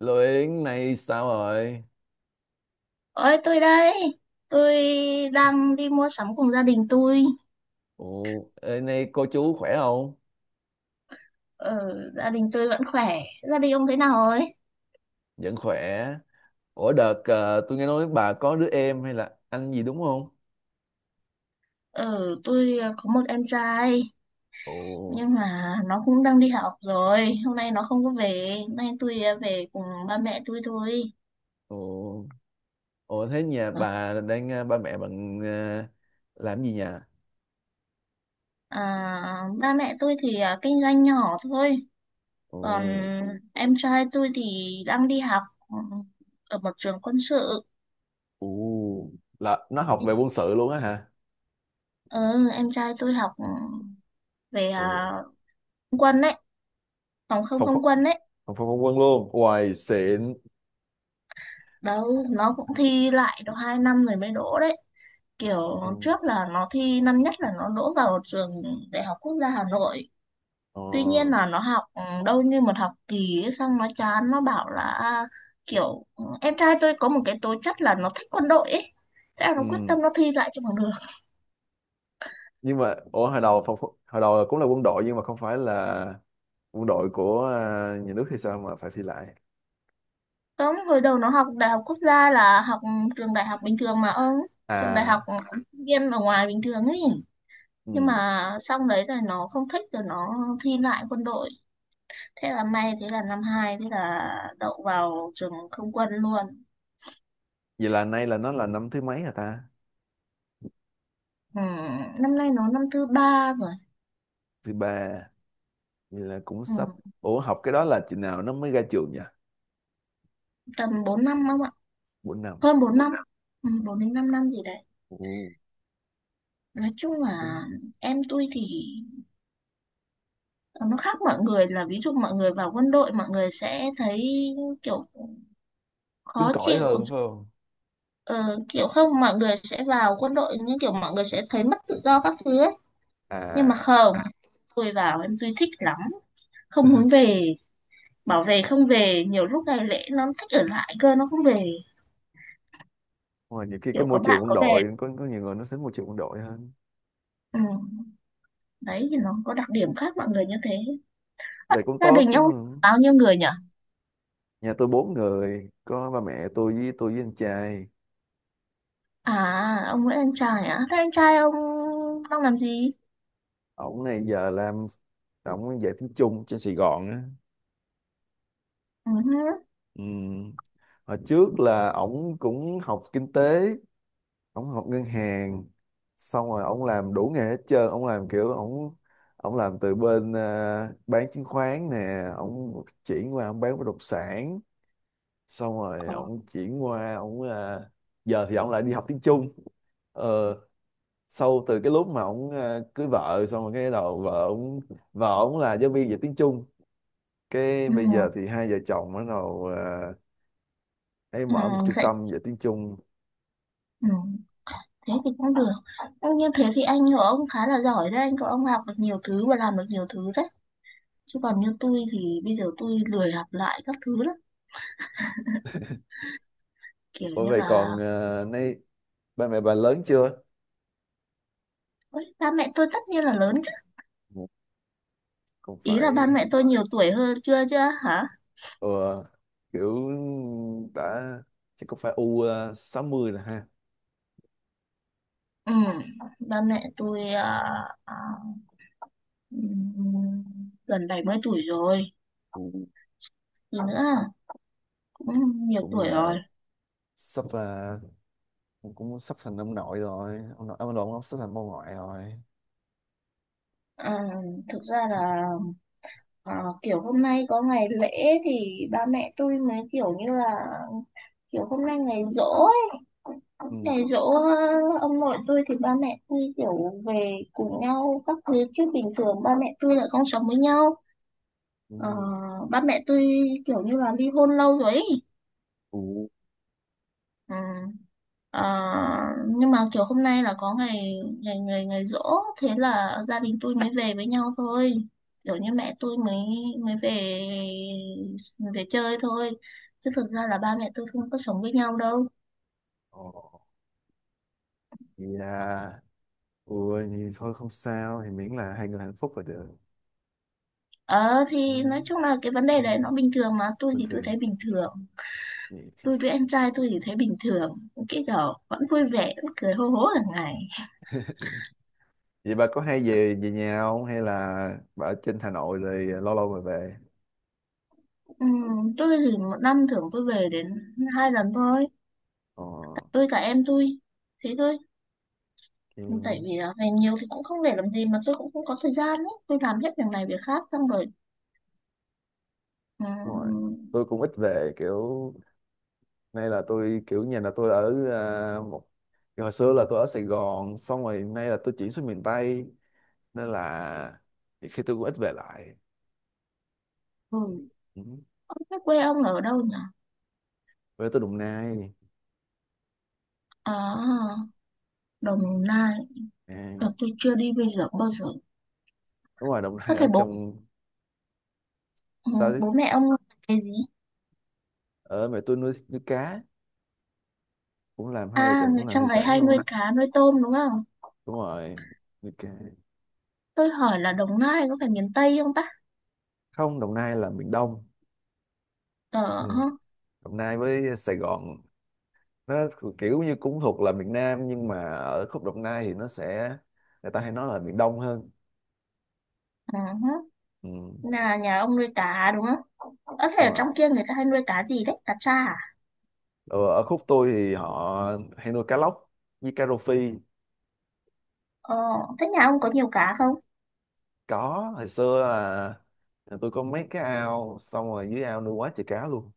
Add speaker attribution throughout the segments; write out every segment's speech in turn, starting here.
Speaker 1: Lô Yến nay sao rồi?
Speaker 2: Ôi tôi đây, tôi đang đi mua sắm cùng gia đình tôi.
Speaker 1: Ủa, ê, nay cô chú khỏe không?
Speaker 2: Ờ, Gia đình tôi vẫn khỏe. Gia đình ông thế nào rồi?
Speaker 1: Vẫn khỏe. Ủa đợt tôi nghe nói bà có đứa em hay là anh gì đúng không?
Speaker 2: Ờ, tôi có một em trai
Speaker 1: Ủa,
Speaker 2: nhưng mà nó cũng đang đi học rồi. Hôm nay nó không có về, hôm nay tôi về cùng ba mẹ tôi thôi.
Speaker 1: ủa, ủa, thế nhà
Speaker 2: Ờ,
Speaker 1: bà đang ba mẹ bạn làm gì nhà?
Speaker 2: À, ba mẹ tôi thì kinh doanh nhỏ thôi. Còn
Speaker 1: Ủa,
Speaker 2: em trai tôi thì đang đi học ừ, ở một trường quân sự.
Speaker 1: ủa, là nó học về quân sự luôn á hả?
Speaker 2: Ờ, em trai tôi học về
Speaker 1: Ủa,
Speaker 2: quân đấy. Không, không,
Speaker 1: phòng
Speaker 2: không
Speaker 1: phòng
Speaker 2: quân đấy,
Speaker 1: phòng không quân luôn. Hoài xịn.
Speaker 2: đâu nó cũng thi lại được 2 năm rồi mới đỗ đấy, kiểu
Speaker 1: Ừ.
Speaker 2: trước là nó thi năm nhất là nó đỗ vào trường Đại học Quốc gia Hà Nội.
Speaker 1: Ờ.
Speaker 2: Tuy nhiên là nó học đâu như một học kỳ ấy, xong nó chán nó bảo là kiểu em trai tôi có một cái tố chất là nó thích quân đội ấy, thế là nó quyết
Speaker 1: Ừ.
Speaker 2: tâm nó thi lại cho bằng được.
Speaker 1: Nhưng mà ủa hồi đầu phòng, phòng- hồi đầu cũng là quân đội nhưng mà không phải là quân đội của nhà nước hay sao mà phải thi lại
Speaker 2: Đúng, hồi đầu nó học Đại học Quốc gia là học trường đại học bình thường mà ông, trường đại học
Speaker 1: à
Speaker 2: sinh viên ở ngoài bình thường ấy. Nhưng
Speaker 1: ừ.
Speaker 2: mà xong đấy rồi nó không thích rồi nó thi lại quân đội, thế là may, thế là năm hai, thế là đậu vào trường không quân luôn.
Speaker 1: Vậy là nay là nó là năm thứ mấy hả ta?
Speaker 2: ừ, Năm nay nó năm thứ ba rồi.
Speaker 1: Thứ ba. Vậy là cũng sắp.
Speaker 2: ừ,
Speaker 1: Ủa học cái đó là chừng nào nó mới ra trường nhỉ?
Speaker 2: Tầm 4 năm không ạ?
Speaker 1: 4 năm.
Speaker 2: Hơn 4 năm, 4 đến 5 năm gì đấy.
Speaker 1: Ồ,
Speaker 2: Nói chung là
Speaker 1: cũng
Speaker 2: em tôi thì nó khác mọi người, là ví dụ mọi người vào quân đội mọi người sẽ thấy kiểu
Speaker 1: cứng
Speaker 2: khó
Speaker 1: cỏi
Speaker 2: chịu.
Speaker 1: hơn phải không
Speaker 2: Ờ, Kiểu không, mọi người sẽ vào quân đội như kiểu mọi người sẽ thấy mất tự do các thứ ấy, nhưng mà
Speaker 1: à?
Speaker 2: không. Tôi vào em tôi thích lắm, không muốn về, bảo về không về, nhiều lúc ngày lễ nó thích ở lại cơ nó không về,
Speaker 1: Ngoài nhiều khi
Speaker 2: kiểu
Speaker 1: cái
Speaker 2: có
Speaker 1: môi trường
Speaker 2: bạn
Speaker 1: quân
Speaker 2: có bè.
Speaker 1: đội có nhiều người nó thích môi trường quân đội hơn.
Speaker 2: Ừ. Đấy thì nó có đặc điểm khác mọi người như thế. Ơ,
Speaker 1: Vậy cũng
Speaker 2: gia
Speaker 1: tốt.
Speaker 2: đình
Speaker 1: Ừ.
Speaker 2: ông bao nhiêu người nhỉ?
Speaker 1: Nhà tôi bốn người, có ba mẹ tôi với anh trai.
Speaker 2: À, ông với anh trai, à thế anh trai ông đang làm gì?
Speaker 1: Ổng này giờ làm, ổng dạy tiếng Trung trên Sài Gòn á.
Speaker 2: Ừ. Hứ.
Speaker 1: Ừ. Hồi trước là ổng cũng học kinh tế, ổng học ngân hàng, xong rồi ổng làm đủ nghề hết trơn, ổng làm kiểu ổng ổng làm từ bên bán chứng khoán nè, ổng chuyển qua ổng bán bất động sản, xong rồi
Speaker 2: Ờ.
Speaker 1: ổng chuyển qua ổng giờ thì ổng lại đi học tiếng Trung. Ờ, Sau từ cái lúc mà ổng cưới vợ xong rồi cái đầu vợ ổng, vợ ổng là giáo viên dạy tiếng Trung, cái
Speaker 2: Ừ.
Speaker 1: bây giờ thì hai vợ chồng bắt đầu nay
Speaker 2: Ừ.
Speaker 1: mở một trung
Speaker 2: Vậy.
Speaker 1: tâm dạy tiếng Trung.
Speaker 2: ừ. Thế thì cũng được. Ừ, như thế thì anh của ông khá là giỏi đấy, anh của ông học được nhiều thứ và làm được nhiều thứ đấy, chứ còn như tôi thì bây giờ tôi lười học lại các thứ lắm, kiểu
Speaker 1: Bởi
Speaker 2: như
Speaker 1: vậy
Speaker 2: là.
Speaker 1: còn nay ba mẹ bà lớn chưa?
Speaker 2: Ôi, ba mẹ tôi tất nhiên là lớn chứ.
Speaker 1: Cũng
Speaker 2: Ý là ba
Speaker 1: phải
Speaker 2: mẹ tôi nhiều tuổi hơn chưa chưa hả?
Speaker 1: ờ, kiểu đã chắc cũng phải u 60 rồi ha?
Speaker 2: Ừ, Ba mẹ tôi à, ừm, gần 70 tuổi rồi.
Speaker 1: Ừ,
Speaker 2: Gì nữa? Cũng nhiều
Speaker 1: cũng
Speaker 2: tuổi
Speaker 1: là
Speaker 2: rồi.
Speaker 1: sắp cũng cũng sắp thành ông nội rồi, ông sắp thành bà ngoại rồi.
Speaker 2: Ờ, Thực ra là kiểu hôm nay có ngày lễ thì ba mẹ tôi mới kiểu như là kiểu hôm nay ngày giỗ ấy.
Speaker 1: Ừ.
Speaker 2: Ngày giỗ ông nội tôi thì ba mẹ tôi kiểu về cùng nhau các thứ chứ bình thường ba mẹ tôi là không sống với nhau. Ờ,
Speaker 1: Ừ.
Speaker 2: Ba mẹ tôi kiểu như là ly hôn lâu rồi ấy.
Speaker 1: Ừ.
Speaker 2: Ừ. Ờ, nhưng mà kiểu hôm nay là có ngày ngày ngày ngày giỗ, thế là gia đình tôi mới về với nhau thôi, kiểu như mẹ tôi mới mới về, về chơi thôi, chứ thực ra là ba mẹ tôi không có sống với nhau đâu.
Speaker 1: Ồ. Dạ. Ui thì thôi không sao thì miễn là hai người hạnh phúc là được.
Speaker 2: Ờ
Speaker 1: ừ,
Speaker 2: thì nói chung là cái vấn
Speaker 1: ừ,
Speaker 2: đề đấy nó bình thường mà, tôi
Speaker 1: bình
Speaker 2: thì tôi thấy
Speaker 1: thường.
Speaker 2: bình thường,
Speaker 1: Vậy.
Speaker 2: tôi với anh trai tôi thì thấy bình thường, cái kiểu vẫn vui vẻ vẫn cười hô hố hàng ngày.
Speaker 1: Vậy bà có hay về về nhà không hay là bà ở trên Hà Nội rồi lâu lâu mới về?
Speaker 2: Ừ, tôi thì một năm thường tôi về đến 2 lần thôi,
Speaker 1: Ờ.
Speaker 2: tôi cả em tôi, thế thôi.
Speaker 1: Ừ,
Speaker 2: Tại
Speaker 1: đúng
Speaker 2: vì là về nhiều thì cũng không để làm gì mà tôi cũng không có thời gian ấy, tôi làm hết việc này việc khác xong rồi.
Speaker 1: rồi
Speaker 2: ừ,
Speaker 1: tôi cũng ít về, kiểu nay là tôi kiểu nhà là tôi ở một hồi xưa là tôi ở Sài Gòn xong rồi nay là tôi chuyển xuống miền Tây nên là khi tôi cũng ít về lại.
Speaker 2: ừ.
Speaker 1: Ừ.
Speaker 2: ông thế quê ông ở đâu nhỉ?
Speaker 1: Về tôi Đồng Nai.
Speaker 2: À, Đồng Nai.
Speaker 1: à,
Speaker 2: Tôi chưa đi bây giờ bao giờ.
Speaker 1: Đúng rồi Đồng
Speaker 2: Có
Speaker 1: Nai
Speaker 2: thể
Speaker 1: ở
Speaker 2: bố
Speaker 1: trong
Speaker 2: ừ,
Speaker 1: sao chứ.
Speaker 2: Bố mẹ ông làm nghề gì?
Speaker 1: Ở mẹ tôi nuôi nuôi cá, cũng làm hai vợ
Speaker 2: À,
Speaker 1: chồng
Speaker 2: người
Speaker 1: cũng làm thủy
Speaker 2: trong này
Speaker 1: sản
Speaker 2: hay nuôi
Speaker 1: luôn.
Speaker 2: cá nuôi tôm đúng không?
Speaker 1: Đúng rồi, nuôi cá.
Speaker 2: Tôi hỏi là Đồng Nai có phải miền Tây không ta?
Speaker 1: Không, Đồng Nai là miền Đông. Ừ.
Speaker 2: Ờ ha.
Speaker 1: Đồng Nai với Sài Gòn nó kiểu như cũng thuộc là miền Nam nhưng mà ở khúc Đồng Nai thì nó sẽ người ta hay nói là miền Đông hơn.
Speaker 2: Ờ ha.
Speaker 1: Ừ,
Speaker 2: Là nhà ông nuôi cá đúng không? Có thể
Speaker 1: đúng
Speaker 2: ở
Speaker 1: rồi.
Speaker 2: trong kia người ta hay nuôi cá gì đấy, cá tra à?
Speaker 1: Ờ, ở khúc tôi thì họ hay nuôi cá lóc với cá rô phi.
Speaker 2: Ờ, Thế nhà ông có nhiều cá không?
Speaker 1: Có, hồi xưa là tôi có mấy cái ao xong rồi dưới ao nuôi quá trời cá luôn.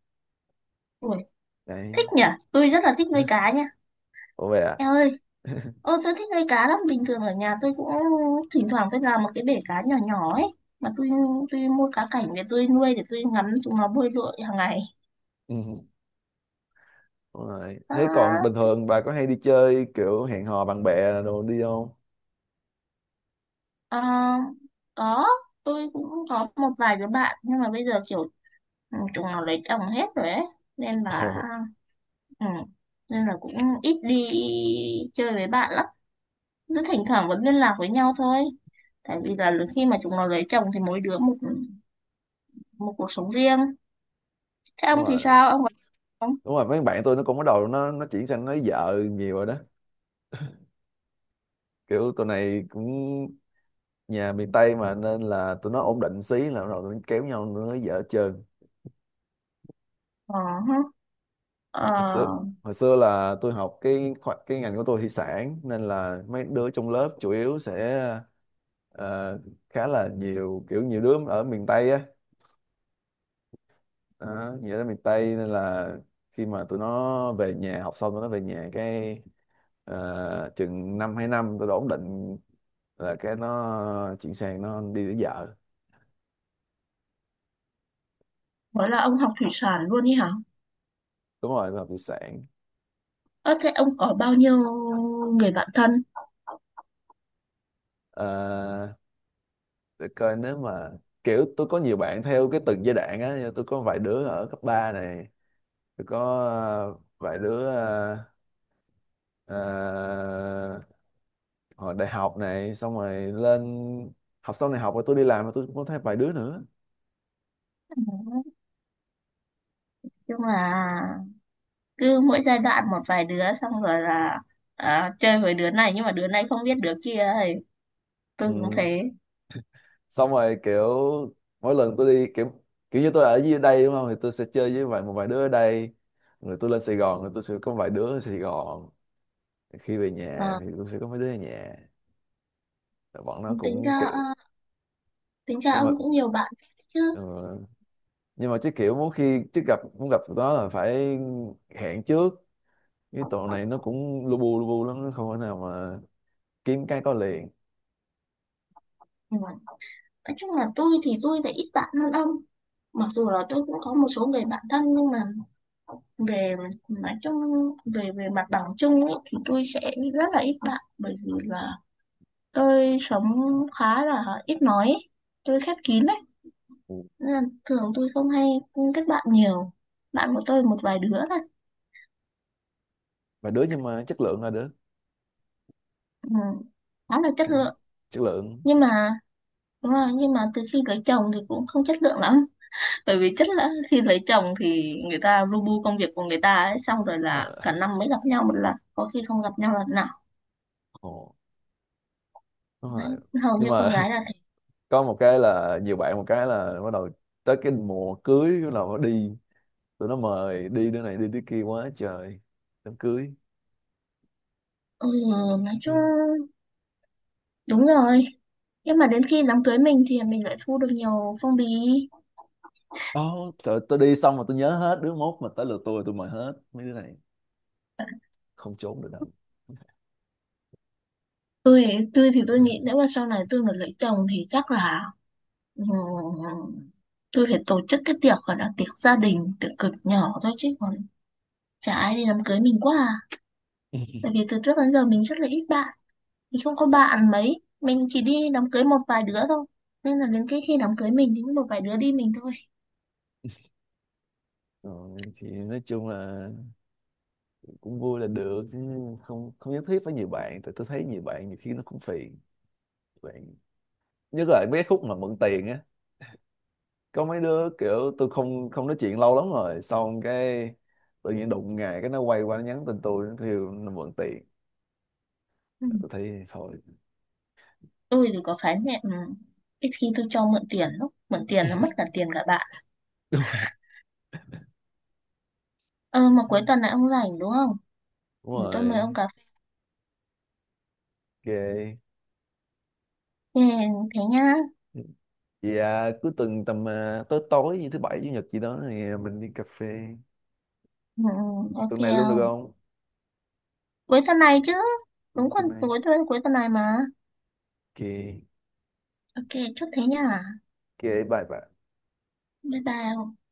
Speaker 2: Ui,
Speaker 1: Đấy.
Speaker 2: thích nhỉ? Tôi rất là thích nuôi cá nha.
Speaker 1: Ủa vậy à?
Speaker 2: Em ơi, ô tôi thích nuôi cá lắm. Bình thường ở nhà tôi cũng thỉnh thoảng tôi làm một cái bể cá nhỏ nhỏ ấy. Mà tôi mua cá cảnh để tôi nuôi để tôi ngắm chúng nó bơi lội hàng ngày.
Speaker 1: Ừ, đúng rồi. Thế còn
Speaker 2: À,
Speaker 1: bình thường bà có hay đi chơi kiểu hẹn hò bạn bè đồ đi không?
Speaker 2: ờ, có, tôi cũng có một vài đứa bạn nhưng mà bây giờ kiểu chúng nó lấy chồng hết rồi ấy. Nên là.
Speaker 1: Ồ.
Speaker 2: Ừ. Nên là Cũng ít đi chơi với bạn lắm, cứ thỉnh thoảng vẫn liên lạc với nhau thôi, tại vì là khi mà chúng nó lấy chồng thì mỗi đứa một, một cuộc sống riêng. Thế ông
Speaker 1: Đúng
Speaker 2: thì
Speaker 1: rồi.
Speaker 2: sao ông có không?
Speaker 1: Đúng rồi mấy bạn tôi nó cũng bắt đầu nó chuyển sang nói vợ nhiều rồi đó, kiểu tụi này cũng nhà miền Tây mà nên là tụi nó ổn định xí là bắt đầu tụi nó kéo nhau nó nói vợ hết trơn.
Speaker 2: Ờ hả. Ờ,
Speaker 1: Hồi xưa, hồi xưa là tôi học cái cái ngành của tôi thủy sản nên là mấy đứa trong lớp chủ yếu sẽ ờ, khá là nhiều kiểu nhiều đứa ở miền Tây á, đó, nghĩa là miền Tây nên là khi mà tụi nó về nhà học xong tụi nó về nhà cái chừng năm hai năm tụi nó ổn định là cái nó chuyển sang nó đi lấy vợ.
Speaker 2: mới là ông học thủy sản luôn đi hả?
Speaker 1: Đúng rồi nó học thủy sản.
Speaker 2: Ơ, thế ông có bao nhiêu người bạn thân?
Speaker 1: Ờ, để coi nếu mà kiểu tôi có nhiều bạn theo cái từng giai đoạn á, tôi có vài đứa ở cấp 3 này, tôi có vài đứa ờ, hồi đại học này xong rồi lên học xong này học rồi tôi đi làm rồi tôi cũng có thấy vài đứa nữa.
Speaker 2: Ừ. Nhưng mà cứ mỗi giai đoạn một vài đứa xong rồi là à, chơi với đứa này nhưng mà đứa này không biết đứa kia ấy. Tôi cũng
Speaker 1: Ừ.
Speaker 2: thế.
Speaker 1: Xong rồi kiểu mỗi lần tôi đi kiểu kiểu như tôi ở dưới đây đúng không thì tôi sẽ chơi với một vài đứa ở đây rồi tôi lên Sài Gòn rồi tôi sẽ có vài đứa ở Sài Gòn khi về nhà
Speaker 2: Ờ,
Speaker 1: thì tôi sẽ có mấy đứa ở nhà. Rồi bọn nó
Speaker 2: Tính
Speaker 1: cũng
Speaker 2: ra
Speaker 1: kiểu
Speaker 2: tính ra
Speaker 1: nhưng mà
Speaker 2: ông cũng nhiều bạn chứ.
Speaker 1: ờ, nhưng mà chứ kiểu muốn khi chứ gặp muốn gặp tụi nó là phải hẹn trước cái tụi này nó cũng lu bu lắm nó không thể nào mà kiếm cái có liền.
Speaker 2: Ừ. Nói chung là tôi thì tôi lại ít bạn hơn ông, mặc dù là tôi cũng có một số người bạn thân nhưng mà về nói chung về về mặt bằng chung ấy, thì tôi sẽ rất là ít bạn bởi vì là tôi sống khá là ít nói ấy, tôi khép kín đấy,
Speaker 1: Ừ.
Speaker 2: nên là thường tôi không hay kết bạn nhiều, bạn của tôi một vài đứa thôi.
Speaker 1: Vài đứa nhưng mà chất lượng là đứa.
Speaker 2: Ừ. Khá là chất
Speaker 1: Đấy,
Speaker 2: lượng.
Speaker 1: chất lượng.
Speaker 2: Nhưng mà Đúng rồi, nhưng mà từ khi cưới chồng thì cũng không chất lượng lắm. Bởi vì chắc là khi lấy chồng thì người ta lu bu công việc của người ta ấy, xong rồi là
Speaker 1: Ờ,
Speaker 2: cả năm mới gặp nhau một lần, có khi không gặp nhau lần nào.
Speaker 1: ồ đúng
Speaker 2: Đấy,
Speaker 1: rồi
Speaker 2: hầu
Speaker 1: nhưng
Speaker 2: như con
Speaker 1: mà
Speaker 2: gái là thế.
Speaker 1: có một cái là nhiều bạn một cái là bắt đầu tới cái mùa cưới bắt đầu đi tụi nó mời đi đứa này đi đứa kia quá trời đám cưới.
Speaker 2: Ừ, nói
Speaker 1: Ừ.
Speaker 2: chung đúng rồi. Nhưng mà đến khi đám cưới mình thì mình lại thu được nhiều phong bì.
Speaker 1: Ồ, trời, tôi đi xong mà tôi nhớ hết đứa mốt mà tới lượt tôi mời hết mấy đứa này, không trốn được đâu.
Speaker 2: Tôi tôi thì tôi nghĩ nếu mà sau này tôi mà lấy chồng thì chắc là ừ, tôi phải tổ chức cái tiệc gọi là tiệc gia đình, tiệc cực nhỏ thôi, chứ còn chả ai đi đám cưới mình quá à. Tại vì từ trước đến giờ mình rất là ít bạn. Nói chung có bạn mấy mình chỉ đi đám cưới một vài đứa thôi, nên là đến cái khi đám cưới mình thì có một vài đứa đi mình thôi.
Speaker 1: Rồi thì nói chung là cũng vui là được chứ không không nhất thiết phải nhiều bạn tại tôi thấy nhiều bạn nhiều khi nó cũng phiền bạn nhất là mấy cái khúc mà mượn tiền á có mấy đứa kiểu tôi không không nói chuyện lâu lắm rồi xong cái tự nhiên đụng ngày cái nó quay qua nó nhắn tin tôi nó kêu nó mượn tiền
Speaker 2: ừ.
Speaker 1: tôi thấy thôi.
Speaker 2: Tôi thì có khái niệm ít khi tôi cho mượn tiền lắm, mượn tiền là mất cả tiền cả bạn.
Speaker 1: Đúng rồi.
Speaker 2: Ờ mà cuối tuần này ông rảnh đúng không?
Speaker 1: Đúng
Speaker 2: Tôi mời
Speaker 1: rồi.
Speaker 2: ông cà phê.
Speaker 1: OK.
Speaker 2: Thế, thế nhá
Speaker 1: Vậy à, cuối tuần tầm tối tối như thứ bảy chủ nhật gì đó thì mình đi cà phê.
Speaker 2: ừ, ok
Speaker 1: Tuần này luôn được
Speaker 2: không?
Speaker 1: không?
Speaker 2: Cuối tuần này chứ,
Speaker 1: Ừ,
Speaker 2: đúng, còn
Speaker 1: tuần này.
Speaker 2: cuối tuần này mà.
Speaker 1: OK.
Speaker 2: Ok, chốt thế nhá.
Speaker 1: OK. Bye bye.
Speaker 2: Bye bye.